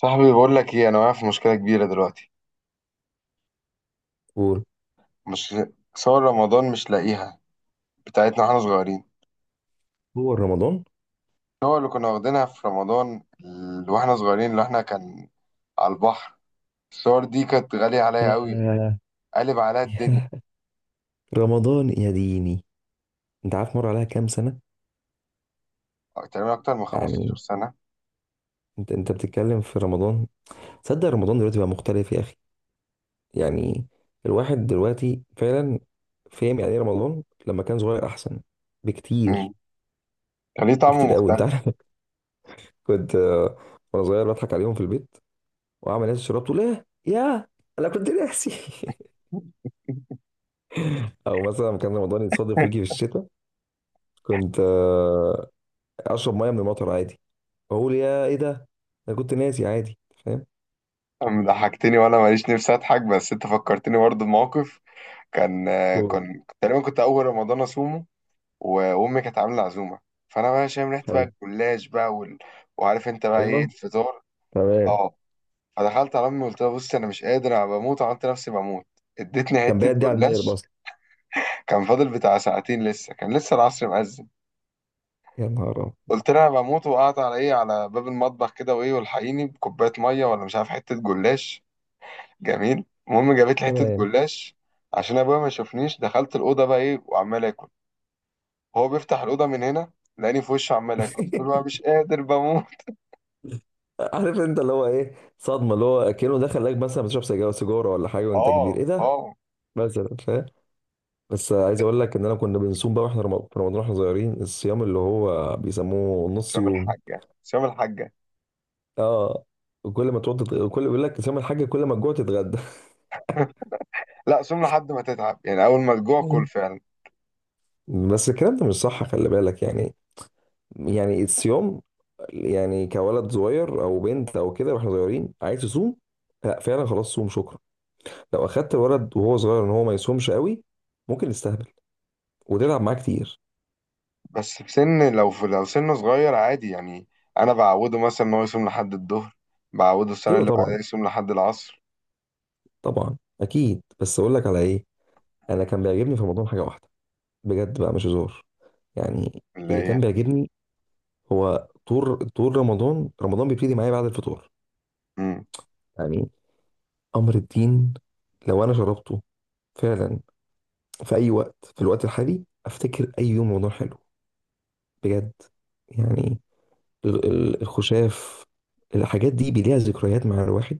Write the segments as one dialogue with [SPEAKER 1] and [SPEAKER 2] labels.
[SPEAKER 1] صاحبي بقول لك ايه، انا واقع في مشكله كبيره دلوقتي.
[SPEAKER 2] قول.
[SPEAKER 1] مش صور رمضان مش لاقيها، بتاعتنا واحنا صغيرين.
[SPEAKER 2] هو رمضان،
[SPEAKER 1] الصور اللي كنا واخدينها في رمضان واحنا صغيرين، اللي احنا كان على البحر. الصور دي كانت غاليه
[SPEAKER 2] ف
[SPEAKER 1] عليا قوي، قالب عليا الدنيا.
[SPEAKER 2] رمضان يا ديني، انت عارف مر عليها كام سنة؟
[SPEAKER 1] تقريبا اكتر من 15
[SPEAKER 2] يعني
[SPEAKER 1] سنه.
[SPEAKER 2] انت بتتكلم في رمضان. تصدق رمضان دلوقتي بقى مختلف يا اخي؟ يعني الواحد دلوقتي فعلا فاهم يعني ايه رمضان لما كان صغير، احسن بكتير.
[SPEAKER 1] امم. كان ليه طعم
[SPEAKER 2] بكتير قوي انت
[SPEAKER 1] مختلف.
[SPEAKER 2] عارف. كنت وانا صغير بضحك عليهم في البيت، واعمل ناس شربت، تقول ايه يا، انا كنت ناسي. او مثلا لما كان رمضان يتصادف ويجي في الشتاء، كنت اشرب ميه من المطر، بقول يا ايه ده، انا كنت ناسي عادي. فاهم؟
[SPEAKER 1] ضحكتني وانا ماليش نفسي اضحك، بس انت فكرتني برضه بموقف. كان آه،
[SPEAKER 2] قول.
[SPEAKER 1] كان تقريبا كنت اول رمضان اصومه. و- وامي كانت عامله عزومه، فانا بقى شامم ريحه
[SPEAKER 2] حلو.
[SPEAKER 1] بقى الجلاش بقى وعارف انت بقى ايه
[SPEAKER 2] ايوه،
[SPEAKER 1] الفطار.
[SPEAKER 2] تمام.
[SPEAKER 1] اه، فدخلت على امي قلت لها بص انا مش قادر انا بموت، وعملت نفسي بموت. ادتني
[SPEAKER 2] كان
[SPEAKER 1] حته
[SPEAKER 2] بيعدي على المغرب
[SPEAKER 1] جلاش،
[SPEAKER 2] اصلا.
[SPEAKER 1] كان فاضل بتاع ساعتين لسه، كان لسه العصر مأذن.
[SPEAKER 2] يا نهار أبيض.
[SPEAKER 1] قلت لها انا بموت، وقعدت على ايه، على باب المطبخ كده، وايه والحقيني بكوبايه ميه ولا مش عارف حته جلاش جميل. المهم جابت لي حته
[SPEAKER 2] تمام.
[SPEAKER 1] جلاش. عشان ابويا ما يشوفنيش دخلت الاوضه بقى ايه وعمال اكل. هو بيفتح الاوضه من هنا لاني في وشه عمال اكل، قلت له أنا مش قادر بموت.
[SPEAKER 2] عارف انت اللي هو ايه؟ صدمه، اللي هو كأنه دخل لك مثلا بتشرب سجاير، سيجاره ولا حاجه وانت
[SPEAKER 1] اه
[SPEAKER 2] كبير، ايه ده
[SPEAKER 1] اه.
[SPEAKER 2] مثلا، فاهم؟ بس عايز اقول لك ان انا كنا بنصوم بقى واحنا في رمضان واحنا صغيرين، الصيام اللي هو بيسموه نص
[SPEAKER 1] سام
[SPEAKER 2] يوم.
[SPEAKER 1] الحاجة سام الحاجة.
[SPEAKER 2] اه، وكل ما تقعد كل بيقول لك صيام الحاج، كل ما تجوع تتغدى.
[SPEAKER 1] لا سم لحد ما تتعب يعني، أول ما تجوع كل فعلا.
[SPEAKER 2] بس الكلام ده مش صح، خلي بالك يعني. يعني الصيام، يعني كولد صغير او بنت او كده واحنا صغيرين عايز تصوم، لا فعلا خلاص صوم شكرا. لو اخدت الولد وهو صغير ان هو ما يصومش قوي، ممكن يستهبل وتتعب معاه كتير.
[SPEAKER 1] بس في سن، لو في لو سنه صغير عادي يعني. أنا بعوده مثلا إن هو يصوم لحد الظهر، بعوده السنة
[SPEAKER 2] ايوه
[SPEAKER 1] اللي بعدها
[SPEAKER 2] طبعا.
[SPEAKER 1] يصوم لحد العصر.
[SPEAKER 2] طبعا اكيد، بس اقول لك على ايه، انا كان بيعجبني في رمضان حاجه واحده، بجد بقى مش هزار يعني.
[SPEAKER 1] اللي
[SPEAKER 2] اللي
[SPEAKER 1] هي.
[SPEAKER 2] كان بيعجبني هو طول رمضان، رمضان بيبتدي معايا بعد الفطور.
[SPEAKER 1] مم.
[SPEAKER 2] يعني امر الدين، لو انا شربته فعلا في اي وقت في الوقت الحالي، افتكر اي يوم رمضان حلو، بجد. يعني الخشاف، الحاجات دي بيليها ذكريات مع الواحد،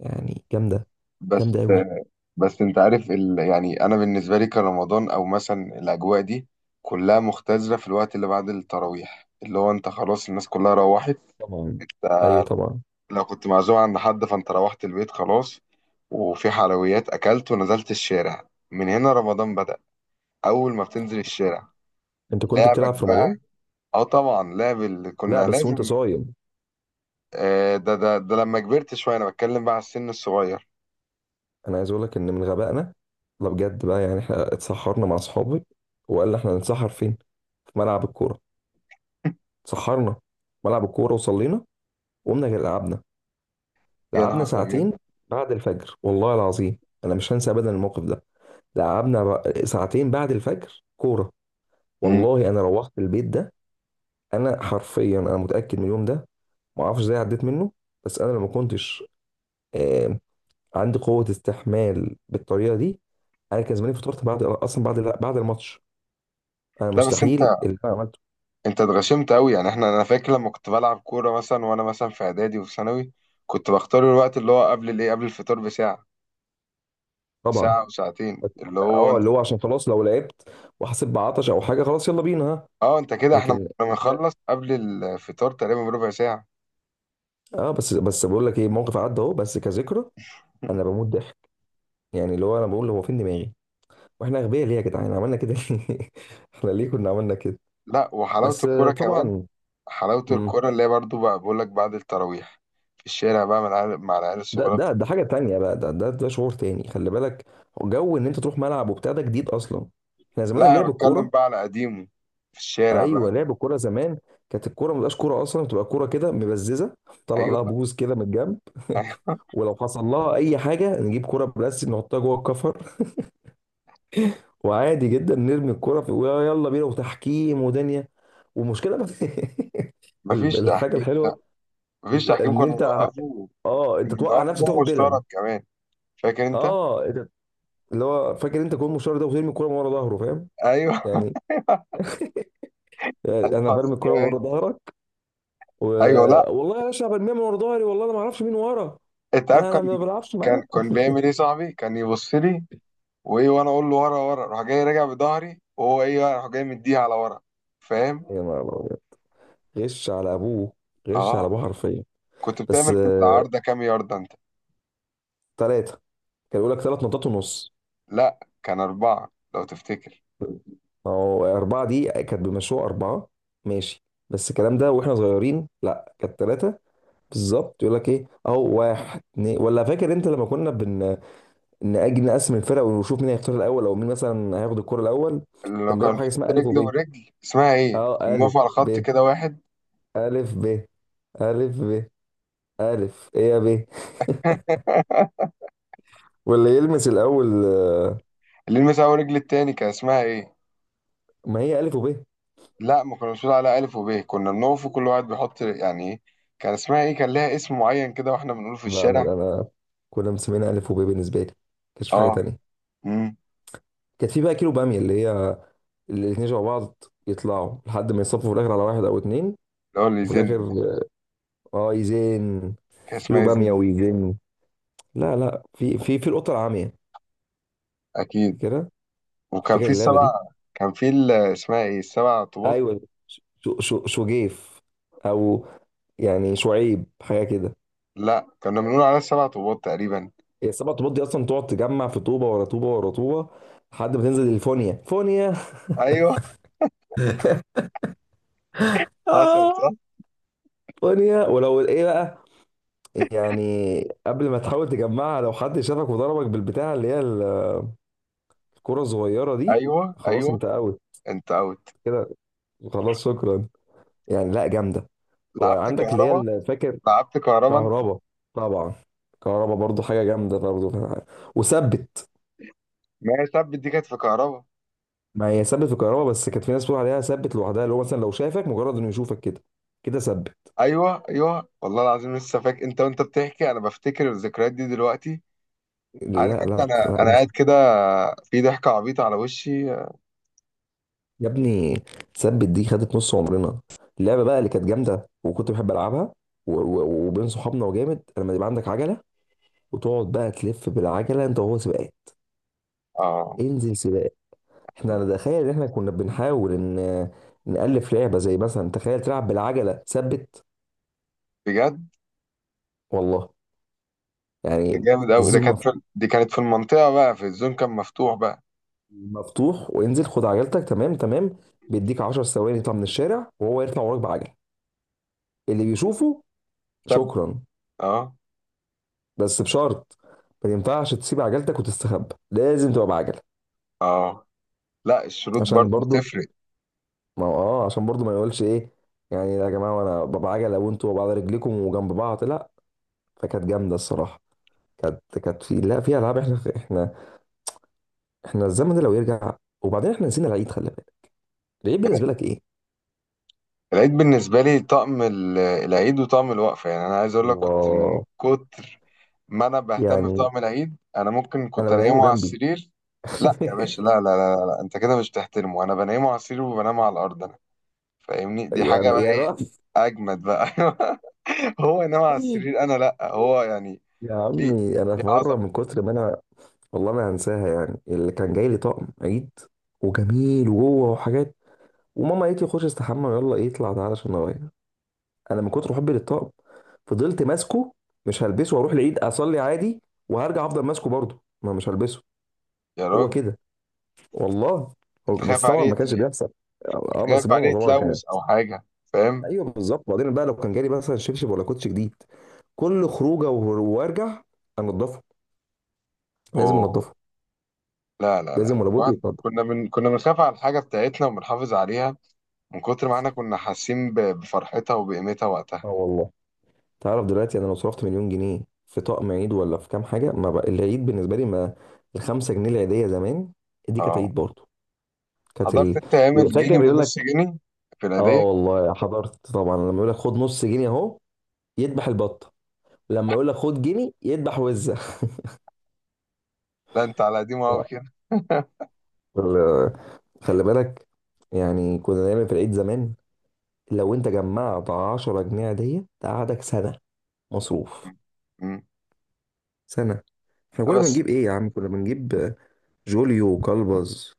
[SPEAKER 2] يعني جامدة.
[SPEAKER 1] بس
[SPEAKER 2] جامدة قوي.
[SPEAKER 1] بس أنت عارف يعني أنا بالنسبة لي كرمضان أو مثلا الأجواء دي كلها مختزلة في الوقت اللي بعد التراويح، اللي هو أنت خلاص الناس كلها روحت.
[SPEAKER 2] طبعا. ايوه طبعا.
[SPEAKER 1] لو كنت معزوم عند حد فانت روحت البيت خلاص، وفي حلويات اكلت ونزلت الشارع، من هنا رمضان بدأ. اول ما بتنزل الشارع،
[SPEAKER 2] انت كنت
[SPEAKER 1] لعبك
[SPEAKER 2] بتلعب في
[SPEAKER 1] بقى.
[SPEAKER 2] رمضان؟
[SPEAKER 1] اه طبعا لعب اللي
[SPEAKER 2] لا
[SPEAKER 1] كنا
[SPEAKER 2] بس وانت
[SPEAKER 1] لازم.
[SPEAKER 2] صايم؟
[SPEAKER 1] ده لما كبرت شويه، انا بتكلم بقى على السن الصغير.
[SPEAKER 2] انا عايز اقول لك ان من غبائنا، لا بجد بقى، يعني احنا اتسحرنا مع اصحابي، وقال لي احنا هنتسحر فين؟ في ملعب الكوره. اتسحرنا في ملعب الكوره وصلينا، وقمنا لعبنا.
[SPEAKER 1] يا
[SPEAKER 2] لعبنا
[SPEAKER 1] نهار ابيض.
[SPEAKER 2] ساعتين بعد الفجر، والله العظيم انا مش هنسى ابدا الموقف ده. ساعتين بعد الفجر كوره.
[SPEAKER 1] مم.
[SPEAKER 2] والله انا روحت البيت ده، انا حرفيا انا متاكد من اليوم ده، ما اعرفش ازاي عديت منه. بس انا لو ما كنتش آه، عندي قوه استحمال بالطريقه دي، انا كان زماني فطرت بعد، اصلا بعد الماتش. انا
[SPEAKER 1] لا بس انت
[SPEAKER 2] مستحيل اللي انا عملته.
[SPEAKER 1] انت اتغشمت قوي. يعني احنا، انا فاكر لما كنت بلعب كوره مثلا وانا مثلا في اعدادي وفي ثانوي، كنت بختار الوقت اللي هو قبل الايه، قبل الفطار بساعه،
[SPEAKER 2] طبعا.
[SPEAKER 1] ساعه وساعتين،
[SPEAKER 2] بس-
[SPEAKER 1] اللي هو
[SPEAKER 2] اه اللي هو عشان خلاص لو لعبت وحسيت بعطش او حاجه، خلاص يلا بينا ها.
[SPEAKER 1] اه انت كده. احنا
[SPEAKER 2] لكن
[SPEAKER 1] كنا بنخلص قبل الفطار تقريبا بربع ساعة.
[SPEAKER 2] اه بس بقول لك ايه، موقف عدى اهو بس كذكرى. انا بموت ضحك، يعني اللي هو انا بقول هو فين دماغي، واحنا اغبياء ليه يا جدعان؟ عملنا كده ليه؟ احنا ليه كنا عملنا كده؟
[SPEAKER 1] لا وحلاوة
[SPEAKER 2] بس
[SPEAKER 1] الكورة كمان.
[SPEAKER 2] طبعا.
[SPEAKER 1] حلاوة
[SPEAKER 2] مم.
[SPEAKER 1] الكورة اللي هي برضو، بقى بقول لك، بعد التراويح في الشارع بقى مع العيال، مع العيال
[SPEAKER 2] ده
[SPEAKER 1] الصغيرة بت-.
[SPEAKER 2] ده ده حاجة تانية بقى، ده شعور تاني، خلي بالك. جو ان انت تروح ملعب وبتاع ده جديد اصلا. احنا زمان
[SPEAKER 1] لا انا
[SPEAKER 2] لعب
[SPEAKER 1] بتكلم
[SPEAKER 2] الكورة.
[SPEAKER 1] بقى على قديمه، في الشارع بقى
[SPEAKER 2] ايوه لعب الكورة زمان، كانت الكورة ما بتبقاش كورة اصلا، بتبقى كورة كده مبززة، طلع
[SPEAKER 1] ايوه
[SPEAKER 2] لها بوز كده من الجنب.
[SPEAKER 1] ايوه.
[SPEAKER 2] ولو حصل لها اي حاجة نجيب كورة بلاستيك نحطها جوه الكفر، وعادي جدا نرمي الكورة في، يلا بينا وتحكيم ودنيا ومشكلة بقى.
[SPEAKER 1] مفيش
[SPEAKER 2] الحاجة
[SPEAKER 1] تحكيم، لا.
[SPEAKER 2] الحلوة
[SPEAKER 1] مفيش تحكيم
[SPEAKER 2] ان
[SPEAKER 1] كنا
[SPEAKER 2] انت
[SPEAKER 1] بنوقفه،
[SPEAKER 2] اه
[SPEAKER 1] كنا
[SPEAKER 2] انت توقع
[SPEAKER 1] بنوقفه
[SPEAKER 2] نفسك
[SPEAKER 1] جون
[SPEAKER 2] تاخد
[SPEAKER 1] مشترك
[SPEAKER 2] بلن.
[SPEAKER 1] كمان، فاكر انت؟
[SPEAKER 2] اه اللي هو فاكر انت جون مشوار ده، وترمي الكوره من ورا ظهره، فاهم؟
[SPEAKER 1] ايوه.
[SPEAKER 2] يعني انا
[SPEAKER 1] ايوه
[SPEAKER 2] برمي الكوره من
[SPEAKER 1] ذكريات.
[SPEAKER 2] ورا ظهرك. و...
[SPEAKER 1] ايوه لا.
[SPEAKER 2] والله يا باشا برميها من ورا ظهري، والله انا ما اعرفش مين ورا.
[SPEAKER 1] انت عارف
[SPEAKER 2] انا
[SPEAKER 1] كان
[SPEAKER 2] انا ما بلعبش
[SPEAKER 1] كان
[SPEAKER 2] معاه.
[SPEAKER 1] كان بيعمل ايه صاحبي، كان يبص لي وايه، وانا اقول له ورا ورا، راح جاي راجع بظهري، وهو ايه بقى راح جاي مديها على ورا، فاهم.
[SPEAKER 2] يا نهار أبيض. غش على ابوه. غش على
[SPEAKER 1] اه.
[SPEAKER 2] ابوه حرفيا.
[SPEAKER 1] كنت
[SPEAKER 2] بس
[SPEAKER 1] بتعمل في العارضه كام يارده انت؟
[SPEAKER 2] ثلاثه. كان يقول لك ثلاث نقطات ونص.
[SPEAKER 1] لا كان اربعه لو تفتكر.
[SPEAKER 2] ما هو اربعه دي كانت بمشروع اربعه، ماشي. بس الكلام ده واحنا صغيرين، لا كانت ثلاثه بالظبط. يقول لك ايه اهو، واحد اتنين. ولا فاكر انت لما كنا بن نأجل نقسم الفرق ونشوف مين هيختار الاول، او مين مثلا هياخد الكرة الاول؟
[SPEAKER 1] اللي لو
[SPEAKER 2] كان
[SPEAKER 1] كان
[SPEAKER 2] بيلعب حاجة
[SPEAKER 1] نحط
[SPEAKER 2] اسمها الف
[SPEAKER 1] رجل
[SPEAKER 2] وب.
[SPEAKER 1] ورجل اسمها ايه،
[SPEAKER 2] اه،
[SPEAKER 1] كنا
[SPEAKER 2] الف
[SPEAKER 1] بنقف على
[SPEAKER 2] ب،
[SPEAKER 1] خط كده واحد.
[SPEAKER 2] الف ب، الف ب، الف ايه يا ب. واللي يلمس الاول
[SPEAKER 1] اللي يلمس اول رجل التاني كان اسمها ايه؟
[SPEAKER 2] ما هي الف وب.
[SPEAKER 1] لا ما كناش بنقول عليها الف وب، كنا بنقف وكل واحد بيحط يعني ايه، كان اسمها ايه، كان لها اسم معين كده واحنا بنقوله في
[SPEAKER 2] لا
[SPEAKER 1] الشارع.
[SPEAKER 2] انا كنا مسمينها الف وب بالنسبة لي، كانش في حاجة
[SPEAKER 1] اه.
[SPEAKER 2] تانية.
[SPEAKER 1] امم
[SPEAKER 2] كانت في بقى كيلو بامية، اللي هي الاتنين شبه بعض يطلعوا لحد ما يصفوا في الاخر على واحد او اتنين.
[SPEAKER 1] اللي هو اللي
[SPEAKER 2] وفي الاخر،
[SPEAKER 1] يزن.
[SPEAKER 2] اه يزين.
[SPEAKER 1] كان اسمها
[SPEAKER 2] كيلو
[SPEAKER 1] إيه؟
[SPEAKER 2] باميه
[SPEAKER 1] يزن.
[SPEAKER 2] ويزين. لا لا، في في في القطه العاميه
[SPEAKER 1] اكيد.
[SPEAKER 2] كده.
[SPEAKER 1] وكان
[SPEAKER 2] فاكر
[SPEAKER 1] في
[SPEAKER 2] اللعبه
[SPEAKER 1] السبع،
[SPEAKER 2] دي؟
[SPEAKER 1] كان في اسمها ايه، السبع طوبات.
[SPEAKER 2] ايوه. شو شجيف، او يعني شعيب، حاجه كده.
[SPEAKER 1] لا كنا بنقول عليها السبع طوبات تقريبا.
[SPEAKER 2] هي السبع طوبات دي اصلا، تقعد تجمع في طوبه ورا طوبه ورا طوبه، لحد ما تنزل الفونيا. فونيا.
[SPEAKER 1] ايوه حصل
[SPEAKER 2] آه.
[SPEAKER 1] صح.
[SPEAKER 2] فونيا ولو ايه بقى، يعني قبل ما تحاول تجمعها لو حد شافك وضربك بالبتاع اللي هي الكره الصغيره دي،
[SPEAKER 1] ايوه
[SPEAKER 2] خلاص
[SPEAKER 1] ايوه
[SPEAKER 2] انت اوت
[SPEAKER 1] انت اوت.
[SPEAKER 2] كده. خلاص شكرا. يعني لا جامده.
[SPEAKER 1] لعبت
[SPEAKER 2] وعندك اللي هي،
[SPEAKER 1] كهربا،
[SPEAKER 2] اللي فاكر
[SPEAKER 1] لعبت كهربا انت.
[SPEAKER 2] كهربا، طبعا كهربا برضو حاجه جامده برضو، وثبت.
[SPEAKER 1] ما هي سب دي كانت في كهربا.
[SPEAKER 2] ما هي ثبت في الكهرباء، بس كانت في ناس بتقول عليها ثبت لوحدها، اللي هو مثلا لو شافك مجرد انه يشوفك كده، كده ثبت.
[SPEAKER 1] ايوه ايوه والله العظيم لسه فاكر. انت وانت بتحكي انا بفتكر الذكريات دي دلوقتي. عارف
[SPEAKER 2] لا
[SPEAKER 1] انت،
[SPEAKER 2] لا
[SPEAKER 1] انا
[SPEAKER 2] لا
[SPEAKER 1] قاعد
[SPEAKER 2] انسى.
[SPEAKER 1] كده في ضحكه عبيطه على وشي.
[SPEAKER 2] يا ابني ثبت دي خدت نص عمرنا. اللعبه بقى اللي كانت جامده وكنت بحب العبها، و- و- وبين صحابنا. وجامد لما يبقى عندك عجله، وتقعد بقى تلف بالعجله انت وهو سباقات.
[SPEAKER 1] اه
[SPEAKER 2] انزل سباق. احنا انا تخيل ان احنا كنا بنحاول ان نالف لعبه، زي مثلا تخيل تلعب بالعجله ثبت.
[SPEAKER 1] بجد.
[SPEAKER 2] والله. يعني
[SPEAKER 1] جامد قوي ده،
[SPEAKER 2] الزوم
[SPEAKER 1] دي كانت في المنطقه بقى، في الزون كان مفتوح بقى.
[SPEAKER 2] مفتوح، وانزل خد عجلتك، تمام تمام، بيديك 10 ثواني يطلع من الشارع، وهو يطلع وراك بعجل. اللي بيشوفه
[SPEAKER 1] سب.
[SPEAKER 2] شكرا.
[SPEAKER 1] اه
[SPEAKER 2] بس بشرط، ما ينفعش تسيب عجلتك وتستخبى، لازم تبقى بعجل.
[SPEAKER 1] اه. لا الشروط
[SPEAKER 2] عشان
[SPEAKER 1] برضو
[SPEAKER 2] برضو،
[SPEAKER 1] تفرق.
[SPEAKER 2] ما هو اه عشان برضو ما يقولش ايه يعني، يا جماعه وانا بعجله وانتوا بعد رجليكم وجنب بعض، لا. فكانت جامده الصراحه. كانت كانت في، لا في العاب، احنا الزمن ده لو يرجع. وبعدين احنا نسينا العيد، خلي بالك. العيد بالنسبه لك ايه؟
[SPEAKER 1] العيد بالنسبة لي طقم العيد وطقم الوقفة. يعني أنا عايز أقول لك، كنت من
[SPEAKER 2] الله.
[SPEAKER 1] كتر ما أنا بهتم
[SPEAKER 2] يعني
[SPEAKER 1] بطقم العيد أنا ممكن
[SPEAKER 2] انا
[SPEAKER 1] كنت
[SPEAKER 2] بنيمه
[SPEAKER 1] أنيمه على
[SPEAKER 2] جنبي.
[SPEAKER 1] السرير. لا يا باشا، لا لا لا, لا, لا. أنت كده مش بتحترمه، أنا بنيمه على السرير وبنام على الأرض أنا. فاهمني؟ دي حاجة
[SPEAKER 2] يا
[SPEAKER 1] بقى
[SPEAKER 2] يا
[SPEAKER 1] إيه.
[SPEAKER 2] رأي.
[SPEAKER 1] أجمد بقى. هو ينام على السرير أنا لا، هو يعني
[SPEAKER 2] يا
[SPEAKER 1] ليه،
[SPEAKER 2] عمي، انا
[SPEAKER 1] ليه
[SPEAKER 2] في مره من
[SPEAKER 1] عظمة؟
[SPEAKER 2] كتر ما انا، والله ما هنساها، يعني اللي كان جاي لي طقم عيد، وجميل وجوه وحاجات، وماما قالت لي خش استحمى يلا، ايه اطلع تعالى عشان اغير. انا من كتر حبي للطقم، فضلت ماسكه، مش هلبسه واروح العيد اصلي عادي، وهرجع افضل ماسكه برضه ما مش هلبسه.
[SPEAKER 1] يا
[SPEAKER 2] هو
[SPEAKER 1] راجل.
[SPEAKER 2] كده والله. هو
[SPEAKER 1] أنت خايف
[SPEAKER 2] بس طبعا
[SPEAKER 1] عليه
[SPEAKER 2] ما كانش
[SPEAKER 1] يتل-،
[SPEAKER 2] بيحصل. اه بس
[SPEAKER 1] خايف عليه
[SPEAKER 2] ماما طبعا كانت.
[SPEAKER 1] يتلوث أو حاجة، فاهم؟
[SPEAKER 2] ايوه بالظبط. بعدين بقى لو كان جالي مثلا شبشب ولا كوتش جديد، كل خروجه وارجع انضفه، لازم
[SPEAKER 1] أوه.
[SPEAKER 2] انضفه.
[SPEAKER 1] لا لا لا،
[SPEAKER 2] لازم ولا بد
[SPEAKER 1] بعد
[SPEAKER 2] يتنضف.
[SPEAKER 1] كنا، من كنا بنخاف على الحاجة بتاعتنا وبنحافظ عليها، من كتر ما احنا كنا حاسين بفرحتها وبقيمتها وقتها.
[SPEAKER 2] اه والله. تعرف دلوقتي انا لو صرفت مليون جنيه في طقم عيد ولا في كام حاجه، ما بقى العيد بالنسبه لي ما. الخمسة جنيه العيديه زمان، دي كانت
[SPEAKER 1] اه.
[SPEAKER 2] عيد برضه. كانت
[SPEAKER 1] حضرت
[SPEAKER 2] ال...
[SPEAKER 1] انت ايام
[SPEAKER 2] يبقى
[SPEAKER 1] الجنيه
[SPEAKER 2] فاكر يقول
[SPEAKER 1] والنص
[SPEAKER 2] لك،
[SPEAKER 1] جنيه في
[SPEAKER 2] اه
[SPEAKER 1] العيدية؟
[SPEAKER 2] والله حضرت طبعا. لما يقول لك خد نص جنيه اهو، يذبح البطه. لما يقول لك خد جنيه، يذبح وزه.
[SPEAKER 1] لا انت على قديمه قوي
[SPEAKER 2] لا.
[SPEAKER 1] كده.
[SPEAKER 2] ال- خلي بالك يعني، كنا دايما في العيد زمان لو انت جمعت 10 جنيه عيديه تقعدك سنه مصروف.
[SPEAKER 1] مم. مم.
[SPEAKER 2] سنة. احنا كنا
[SPEAKER 1] بس
[SPEAKER 2] بنجيب ايه يا عم؟ كنا بنجيب جوليو وكلبز،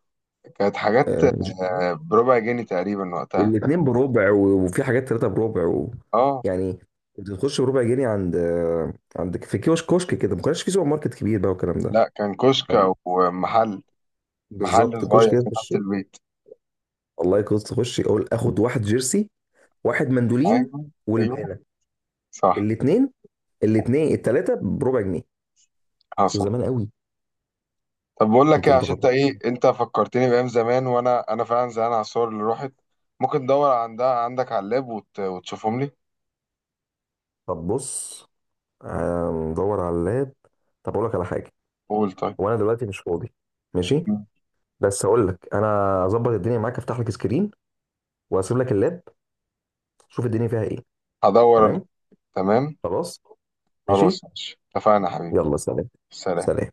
[SPEAKER 1] كانت حاجات
[SPEAKER 2] آه،
[SPEAKER 1] آه، بربع جنيه تقريبا وقتها.
[SPEAKER 2] الاتنين بربع، وفي حاجات تلاتة بربع و...
[SPEAKER 1] اه
[SPEAKER 2] يعني كنت تخش بربع جنيه عند عند في كيوش كشك كده، ما كانش في سوبر ماركت كبير بقى والكلام ده
[SPEAKER 1] لا كان كشك
[SPEAKER 2] يعني.
[SPEAKER 1] او محل، محل
[SPEAKER 2] بالظبط
[SPEAKER 1] صغير
[SPEAKER 2] كشك كده
[SPEAKER 1] كده
[SPEAKER 2] تخش،
[SPEAKER 1] تحت البيت.
[SPEAKER 2] والله كنت تخش اقول اخد واحد جيرسي، واحد مندولين
[SPEAKER 1] ايوه ايوه
[SPEAKER 2] والبانه،
[SPEAKER 1] صح
[SPEAKER 2] الاتنين الاتنين التلاتة بربع جنيه. شو
[SPEAKER 1] حصل.
[SPEAKER 2] زمان قوي.
[SPEAKER 1] طب بقول لك
[SPEAKER 2] انت
[SPEAKER 1] ايه،
[SPEAKER 2] انت
[SPEAKER 1] عشان انت
[SPEAKER 2] فاكر؟
[SPEAKER 1] ايه انت فكرتني بايام زمان، وانا فعلا زعلان على الصور اللي راحت. ممكن تدور عندك على اللاب وت... وتشوفهم لي.
[SPEAKER 2] طب بص هندور على اللاب. طب اقول لك على حاجه،
[SPEAKER 1] قول طيب.
[SPEAKER 2] وانا دلوقتي مش فاضي، ماشي، بس هقول لك. انا اظبط الدنيا معاك، افتح لك سكرين واسيب لك اللاب، شوف الدنيا فيها ايه.
[SPEAKER 1] هدور انا.
[SPEAKER 2] تمام.
[SPEAKER 1] تمام.
[SPEAKER 2] خلاص ماشي،
[SPEAKER 1] خلاص ماشي، اتفقنا يا حبيبي.
[SPEAKER 2] يلا سلام.
[SPEAKER 1] سلام.
[SPEAKER 2] سلام.